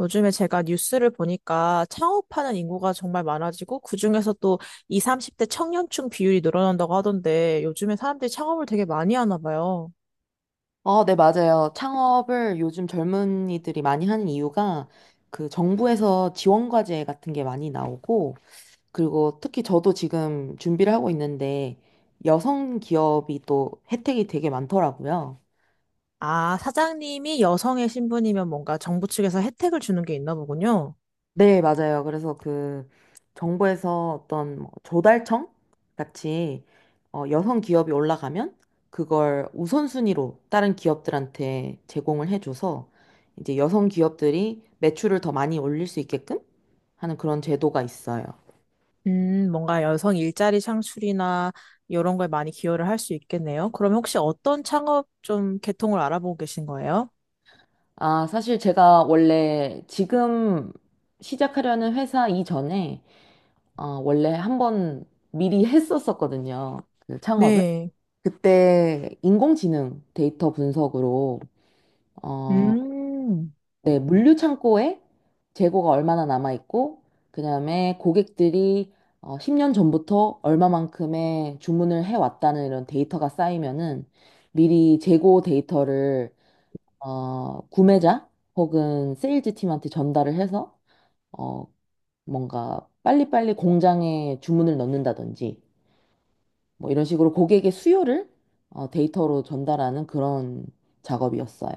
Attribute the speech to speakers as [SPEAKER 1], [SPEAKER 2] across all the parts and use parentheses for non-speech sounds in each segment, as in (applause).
[SPEAKER 1] 요즘에 제가 뉴스를 보니까 창업하는 인구가 정말 많아지고 그중에서 또 20, 30대 청년층 비율이 늘어난다고 하던데 요즘에 사람들이 창업을 되게 많이 하나 봐요.
[SPEAKER 2] 네, 맞아요. 창업을 요즘 젊은이들이 많이 하는 이유가 그 정부에서 지원 과제 같은 게 많이 나오고 그리고 특히 저도 지금 준비를 하고 있는데 여성 기업이 또 혜택이 되게 많더라고요.
[SPEAKER 1] 아, 사장님이 여성의 신분이면 뭔가 정부 측에서 혜택을 주는 게 있나 보군요.
[SPEAKER 2] 네, 맞아요. 그래서 그 정부에서 어떤 뭐 조달청 같이 여성 기업이 올라가면 그걸 우선순위로 다른 기업들한테 제공을 해줘서 이제 여성 기업들이 매출을 더 많이 올릴 수 있게끔 하는 그런 제도가 있어요.
[SPEAKER 1] 뭔가 여성 일자리 창출이나 이런 거에 많이 기여를 할 수 있겠네요. 그럼 혹시 어떤 창업 좀 계통을 알아보고 계신 거예요?
[SPEAKER 2] 아, 사실 제가 원래 지금 시작하려는 회사 이전에 원래 한 번 미리 했었었거든요. 그 창업을.
[SPEAKER 1] 네.
[SPEAKER 2] 그때 인공지능 데이터 분석으로 어,
[SPEAKER 1] 음.
[SPEAKER 2] 네, 물류 창고에 재고가 얼마나 남아 있고 그다음에 고객들이 10년 전부터 얼마만큼의 주문을 해왔다는 이런 데이터가 쌓이면은 미리 재고 데이터를 구매자 혹은 세일즈 팀한테 전달을 해서 어, 뭔가 빨리빨리 공장에 주문을 넣는다든지 뭐 이런 식으로 고객의 수요를 데이터로 전달하는 그런 작업이었어요.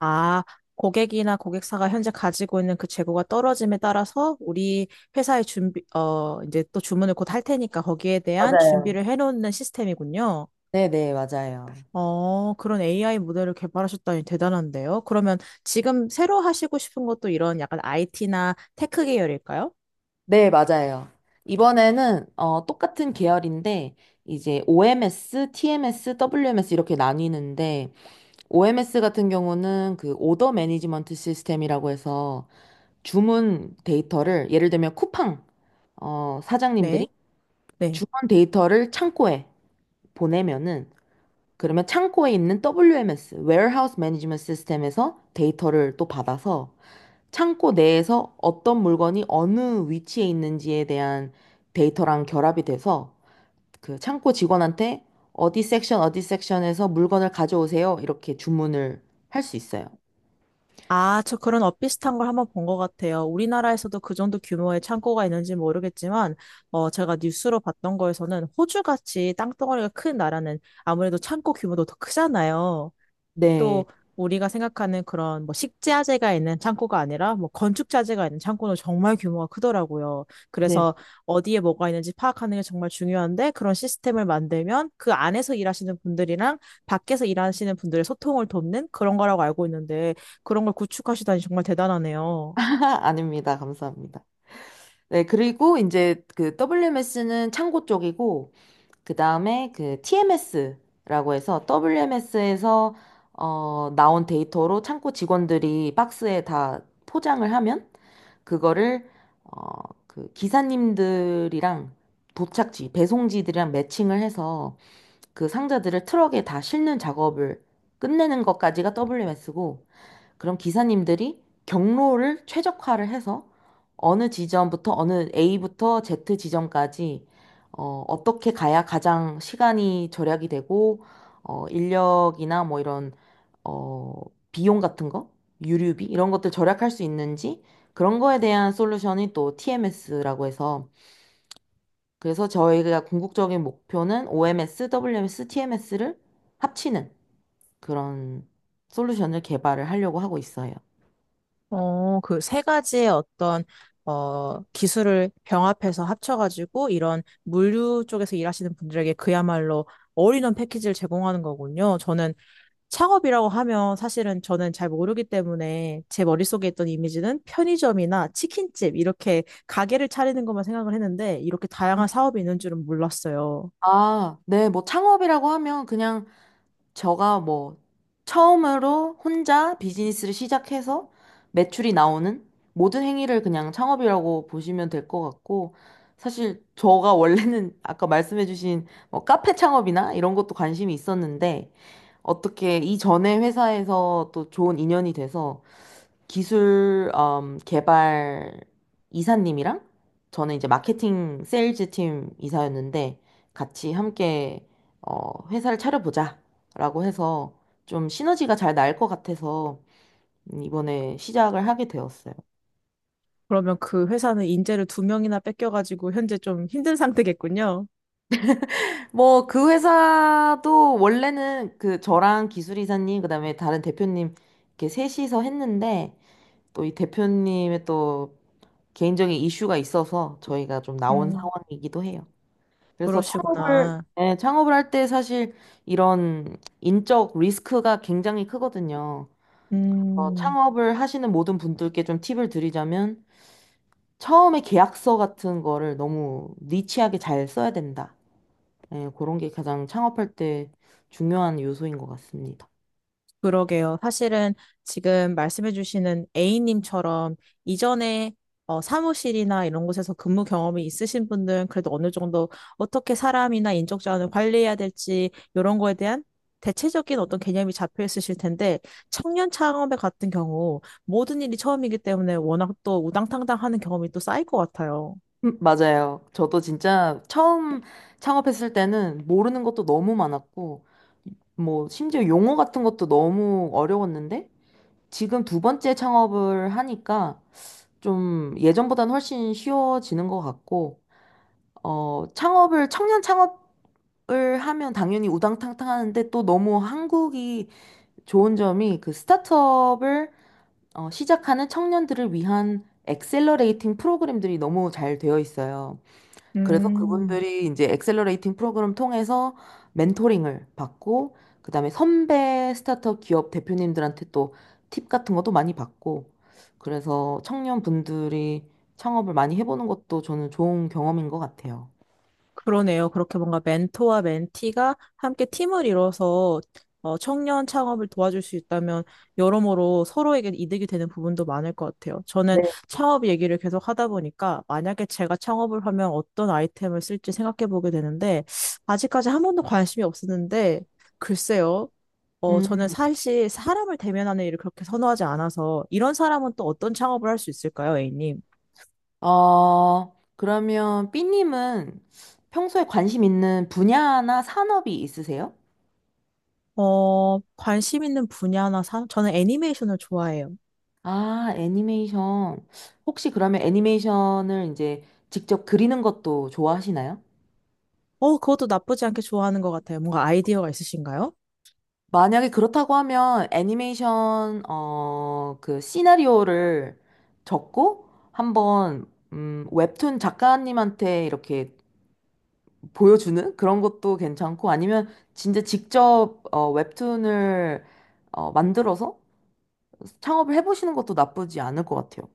[SPEAKER 1] 아, 고객이나 고객사가 현재 가지고 있는 그 재고가 떨어짐에 따라서 우리 회사의 준비, 이제 또 주문을 곧 할 테니까 거기에 대한
[SPEAKER 2] 맞아요.
[SPEAKER 1] 준비를 해놓는 시스템이군요.
[SPEAKER 2] 네네, 맞아요.
[SPEAKER 1] 어, 그런 AI 모델을 개발하셨다니 대단한데요. 그러면 지금 새로 하시고 싶은 것도 이런 약간 IT나 테크 계열일까요?
[SPEAKER 2] 네, 맞아요. 이번에는 똑같은 계열인데 이제 OMS, TMS, WMS 이렇게 나뉘는데 OMS 같은 경우는 그 오더 매니지먼트 시스템이라고 해서 주문 데이터를 예를 들면 쿠팡 사장님들이
[SPEAKER 1] 네, 네.
[SPEAKER 2] 주문 데이터를 창고에 보내면은 그러면 창고에 있는 WMS, Warehouse Management System에서 데이터를 또 받아서 창고 내에서 어떤 물건이 어느 위치에 있는지에 대한 데이터랑 결합이 돼서 그 창고 직원한테 어디 섹션, 어디 섹션에서 물건을 가져오세요. 이렇게 주문을 할 수 있어요.
[SPEAKER 1] 아, 저 그런 엇비슷한 걸 한번 본 것 같아요. 우리나라에서도 그 정도 규모의 창고가 있는지 모르겠지만, 제가 뉴스로 봤던 거에서는 호주같이 땅덩어리가 큰 나라는 아무래도 창고 규모도 더 크잖아요.
[SPEAKER 2] 네.
[SPEAKER 1] 또 우리가 생각하는 그런 뭐 식자재가 있는 창고가 아니라 뭐 건축자재가 있는 창고는 정말 규모가 크더라고요.
[SPEAKER 2] 네.
[SPEAKER 1] 그래서 어디에 뭐가 있는지 파악하는 게 정말 중요한데 그런 시스템을 만들면 그 안에서 일하시는 분들이랑 밖에서 일하시는 분들의 소통을 돕는 그런 거라고 알고 있는데 그런 걸 구축하시다니 정말 대단하네요.
[SPEAKER 2] (laughs) 아닙니다. 감사합니다. 네, 그리고 이제 그 WMS는 창고 쪽이고, 그 다음에 그 TMS라고 해서 WMS에서 나온 데이터로 창고 직원들이 박스에 다 포장을 하면 그거를 어, 그 기사님들이랑 도착지, 배송지들이랑 매칭을 해서 그 상자들을 트럭에 다 싣는 작업을 끝내는 것까지가 WMS고, 그럼 기사님들이 경로를 최적화를 해서 어느 지점부터 어느 A부터 Z 지점까지 어떻게 가야 가장 시간이 절약이 되고 인력이나 뭐 이런 어, 비용 같은 거, 유류비 이런 것들 절약할 수 있는지 그런 거에 대한 솔루션이 또 TMS라고 해서 그래서 저희가 궁극적인 목표는 OMS, WMS, TMS를 합치는 그런 솔루션을 개발을 하려고 하고 있어요.
[SPEAKER 1] 어, 그 세 가지의 어떤, 기술을 병합해서 합쳐가지고 이런 물류 쪽에서 일하시는 분들에게 그야말로 올인원 패키지를 제공하는 거군요. 저는 창업이라고 하면 사실은 저는 잘 모르기 때문에 제 머릿속에 있던 이미지는 편의점이나 치킨집 이렇게 가게를 차리는 것만 생각을 했는데 이렇게 다양한 사업이 있는 줄은 몰랐어요.
[SPEAKER 2] 아, 네, 뭐 창업이라고 하면 그냥 저가 뭐 처음으로 혼자 비즈니스를 시작해서 매출이 나오는 모든 행위를 그냥 창업이라고 보시면 될 것 같고 사실 저가 원래는 아까 말씀해주신 뭐 카페 창업이나 이런 것도 관심이 있었는데 어떻게 이전에 회사에서 또 좋은 인연이 돼서 기술 개발 이사님이랑 저는 이제 마케팅 세일즈 팀 이사였는데 같이 함께 회사를 차려보자라고 해서 좀 시너지가 잘 날 것 같아서 이번에 시작을 하게 되었어요.
[SPEAKER 1] 그러면 그 회사는 인재를 두 명이나 뺏겨가지고 현재 좀 힘든 상태겠군요.
[SPEAKER 2] 뭐 그 회사도 원래는 그 저랑 기술 이사님 그다음에 다른 대표님 이렇게 셋이서 했는데 또 이 대표님의 또 개인적인 이슈가 있어서 저희가 좀 나온
[SPEAKER 1] 음,
[SPEAKER 2] 상황이기도 해요. 그래서
[SPEAKER 1] 그러시구나.
[SPEAKER 2] 예, 창업을 할 때 사실 이런 인적 리스크가 굉장히 크거든요. 그래서
[SPEAKER 1] 음.
[SPEAKER 2] 창업을 하시는 모든 분들께 좀 팁을 드리자면, 처음에 계약서 같은 거를 너무 니치하게 잘 써야 된다. 예, 그런 게 가장 창업할 때 중요한 요소인 것 같습니다.
[SPEAKER 1] 그러게요. 사실은 지금 말씀해주시는 A님처럼 이전에 사무실이나 이런 곳에서 근무 경험이 있으신 분들은 그래도 어느 정도 어떻게 사람이나 인적 자원을 관리해야 될지 이런 거에 대한 대체적인 어떤 개념이 잡혀 있으실 텐데 청년 창업의 같은 경우 모든 일이 처음이기 때문에 워낙 또 우당탕당 하는 경험이 또 쌓일 것 같아요.
[SPEAKER 2] 맞아요. 저도 진짜 처음 창업했을 때는 모르는 것도 너무 많았고, 뭐, 심지어 용어 같은 것도 너무 어려웠는데, 지금 두 번째 창업을 하니까 좀 예전보다는 훨씬 쉬워지는 것 같고, 청년 창업을 하면 당연히 우당탕탕 하는데 또 너무 한국이 좋은 점이 그 스타트업을 시작하는 청년들을 위한 엑셀러레이팅 프로그램들이 너무 잘 되어 있어요. 그래서
[SPEAKER 1] 음.
[SPEAKER 2] 그분들이 이제 엑셀러레이팅 프로그램 통해서 멘토링을 받고, 그다음에 선배 스타트업 기업 대표님들한테 또 팁 같은 것도 많이 받고, 그래서 청년분들이 창업을 많이 해보는 것도 저는 좋은 경험인 것 같아요.
[SPEAKER 1] 그러네요. 그렇게 뭔가 멘토와 멘티가 함께 팀을 이뤄서 청년 창업을 도와줄 수 있다면 여러모로 서로에게 이득이 되는 부분도 많을 것 같아요. 저는
[SPEAKER 2] 네.
[SPEAKER 1] 창업 얘기를 계속 하다 보니까 만약에 제가 창업을 하면 어떤 아이템을 쓸지 생각해 보게 되는데 아직까지 한 번도 관심이 없었는데 글쎄요. 저는
[SPEAKER 2] 음,
[SPEAKER 1] 사실 사람을 대면하는 일을 그렇게 선호하지 않아서 이런 사람은 또 어떤 창업을 할 수 있을까요, A님?
[SPEAKER 2] 그러면 삐님은 평소에 관심 있는 분야나 산업이 있으세요?
[SPEAKER 1] 어, 관심 있는 분야나 사, 저는 애니메이션을 좋아해요.
[SPEAKER 2] 아, 애니메이션. 혹시 그러면 애니메이션을 이제 직접 그리는 것도 좋아하시나요?
[SPEAKER 1] 어, 그것도 나쁘지 않게 좋아하는 것 같아요. 뭔가 아이디어가 있으신가요?
[SPEAKER 2] 만약에 그렇다고 하면 애니메이션, 그 시나리오를 적고 한번, 웹툰 작가님한테 이렇게 보여주는 그런 것도 괜찮고 아니면 진짜 직접, 웹툰을, 만들어서 창업을 해보시는 것도 나쁘지 않을 것 같아요.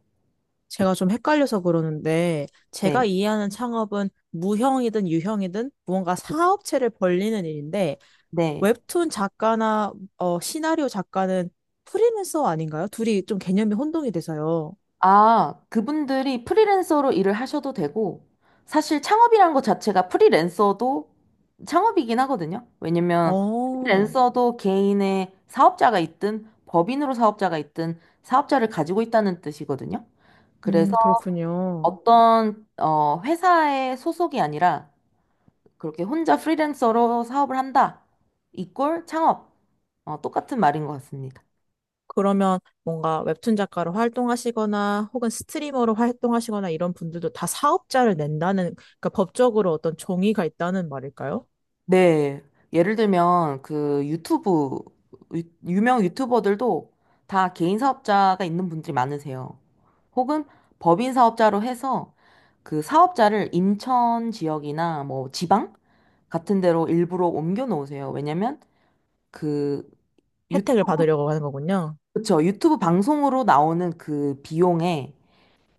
[SPEAKER 1] 제가 좀 헷갈려서 그러는데, 제가
[SPEAKER 2] 네.
[SPEAKER 1] 이해하는 창업은 무형이든 유형이든 무언가 사업체를 벌리는 일인데,
[SPEAKER 2] 네.
[SPEAKER 1] 웹툰 작가나 시나리오 작가는 프리랜서 아닌가요? 둘이 좀 개념이 혼동이 돼서요.
[SPEAKER 2] 아, 그분들이 프리랜서로 일을 하셔도 되고, 사실 창업이란 것 자체가 프리랜서도 창업이긴 하거든요. 왜냐면
[SPEAKER 1] 어,
[SPEAKER 2] 프리랜서도 개인의 사업자가 있든 법인으로 사업자가 있든 사업자를 가지고 있다는 뜻이거든요. 그래서
[SPEAKER 1] 그렇군요.
[SPEAKER 2] 어떤 회사의 소속이 아니라 그렇게 혼자 프리랜서로 사업을 한다. 이꼴 창업. 똑같은 말인 것 같습니다.
[SPEAKER 1] 그러면 뭔가 웹툰 작가로 활동하시거나 혹은 스트리머로 활동하시거나 이런 분들도 다 사업자를 낸다는, 그러니까 법적으로 어떤 종이가 있다는 말일까요?
[SPEAKER 2] 네. 예를 들면 그 유튜브 유명 유튜버들도 다 개인 사업자가 있는 분들이 많으세요. 혹은 법인 사업자로 해서 그 사업자를 인천 지역이나 뭐 지방 같은 데로 일부러 옮겨 놓으세요. 왜냐면 그
[SPEAKER 1] 혜택을
[SPEAKER 2] 유튜브,
[SPEAKER 1] 받으려고 하는 거군요.
[SPEAKER 2] 그쵸? 유튜브 방송으로 나오는 그 비용에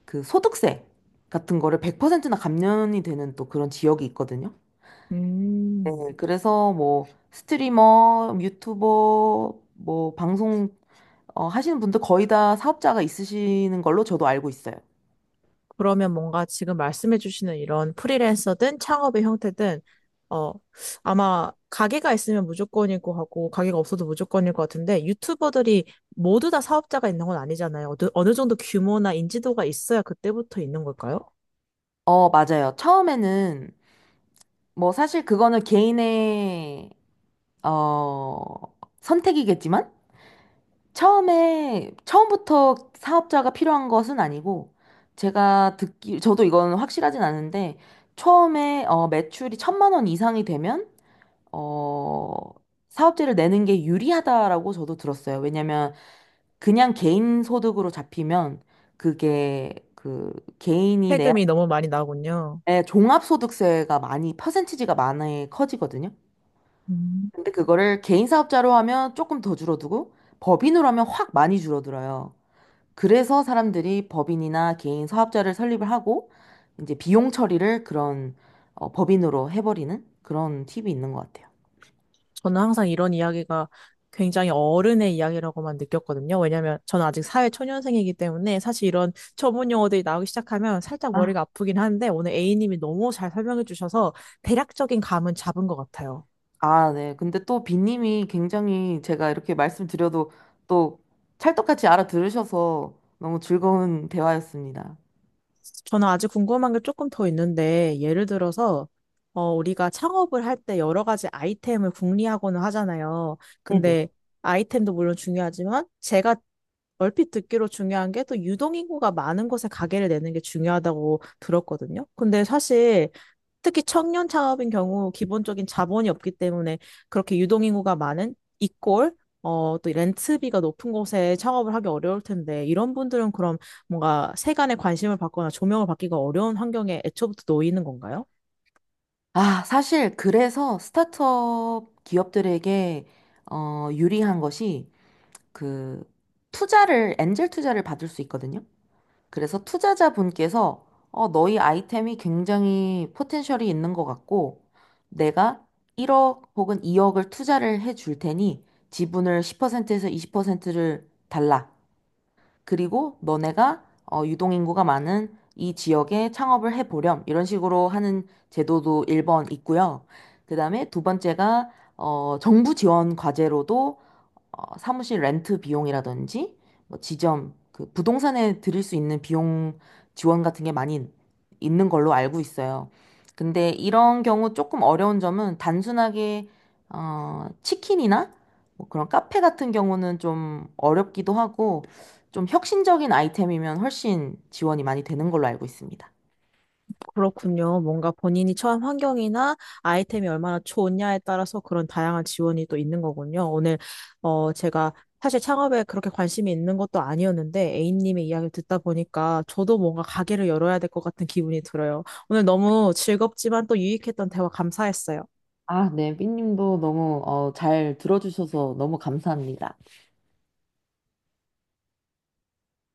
[SPEAKER 2] 그 소득세 같은 거를 100%나 감면이 되는 또 그런 지역이 있거든요.
[SPEAKER 1] 음,
[SPEAKER 2] 네, 그래서 뭐 스트리머, 유튜버, 뭐 방송 하시는 분들 거의 다 사업자가 있으시는 걸로 저도 알고 있어요.
[SPEAKER 1] 그러면 뭔가 지금 말씀해 주시는 이런 프리랜서든 창업의 형태든 어 아마 가게가 있으면 무조건이고 하고 가게가 없어도 무조건일 것 같은데 유튜버들이 모두 다 사업자가 있는 건 아니잖아요. 어느, 어느 정도 규모나 인지도가 있어야 그때부터 있는 걸까요?
[SPEAKER 2] 맞아요. 처음에는 뭐 사실 그거는 개인의 어, 선택이겠지만 처음에 처음부터 사업자가 필요한 것은 아니고 제가 듣기 저도 이건 확실하진 않은데 처음에 매출이 1,000만 원 이상이 되면 어, 사업체를 내는 게 유리하다라고 저도 들었어요. 왜냐면 그냥 개인 소득으로 잡히면 그게 그 개인이 내야
[SPEAKER 1] 세금이 너무 많이 나오군요.
[SPEAKER 2] 네, 종합소득세가 많이 퍼센티지가 많이 커지거든요.
[SPEAKER 1] 음.
[SPEAKER 2] 근데 그거를 개인 사업자로 하면 조금 더 줄어들고 법인으로 하면 확 많이 줄어들어요. 그래서 사람들이 법인이나 개인 사업자를 설립을 하고 이제 비용 처리를 그런 법인으로 해버리는 그런 팁이 있는 것 같아요.
[SPEAKER 1] 저는 항상 이런 이야기가 굉장히 어른의 이야기라고만 느꼈거든요. 왜냐면 저는 아직 사회 초년생이기 때문에 사실 이런 전문 용어들이 나오기 시작하면 살짝
[SPEAKER 2] 아,
[SPEAKER 1] 머리가 아프긴 한데 오늘 A님이 너무 잘 설명해 주셔서 대략적인 감은 잡은 것 같아요.
[SPEAKER 2] 아, 네. 근데 또 비님이 굉장히 제가 이렇게 말씀드려도 또 찰떡같이 알아들으셔서 너무 즐거운 대화였습니다.
[SPEAKER 1] 저는 아직 궁금한 게 조금 더 있는데, 예를 들어서, 우리가 창업을 할 때 여러 가지 아이템을 궁리하고는 하잖아요.
[SPEAKER 2] 네네.
[SPEAKER 1] 근데 아이템도 물론 중요하지만, 제가 얼핏 듣기로 중요한 게 또 유동인구가 많은 곳에 가게를 내는 게 중요하다고 들었거든요. 근데 사실 특히 청년 창업인 경우 기본적인 자본이 없기 때문에 그렇게 유동인구가 많은 이꼴 또 렌트비가 높은 곳에 창업을 하기 어려울 텐데 이런 분들은 그럼 뭔가 세간의 관심을 받거나 조명을 받기가 어려운 환경에 애초부터 놓이는 건가요?
[SPEAKER 2] 아, 사실 그래서 스타트업 기업들에게 유리한 것이 그 엔젤 투자를 받을 수 있거든요. 그래서 투자자분께서 너희 아이템이 굉장히 포텐셜이 있는 것 같고 내가 1억 혹은 2억을 투자를 해줄 테니 지분을 10%에서 20%를 달라. 그리고 너네가 유동인구가 많은 이 지역에 창업을 해보렴. 이런 식으로 하는 제도도 1번 있고요. 그 다음에 두 번째가 정부 지원 과제로도 사무실 렌트 비용이라든지 뭐 지점 그 부동산에 드릴 수 있는 비용 지원 같은 게 많이 있는 걸로 알고 있어요. 근데 이런 경우 조금 어려운 점은 단순하게 치킨이나 뭐 그런 카페 같은 경우는 좀 어렵기도 하고 좀 혁신적인 아이템이면 훨씬 지원이 많이 되는 걸로 알고 있습니다.
[SPEAKER 1] 그렇군요. 뭔가 본인이 처한 환경이나 아이템이 얼마나 좋냐에 따라서 그런 다양한 지원이 또 있는 거군요. 오늘, 제가 사실 창업에 그렇게 관심이 있는 것도 아니었는데 A님의 이야기를 듣다 보니까 저도 뭔가 가게를 열어야 될 것 같은 기분이 들어요. 오늘 너무 즐겁지만 또 유익했던 대화 감사했어요.
[SPEAKER 2] 아, 네, 삐님도 너무 잘 들어주셔서 너무 감사합니다.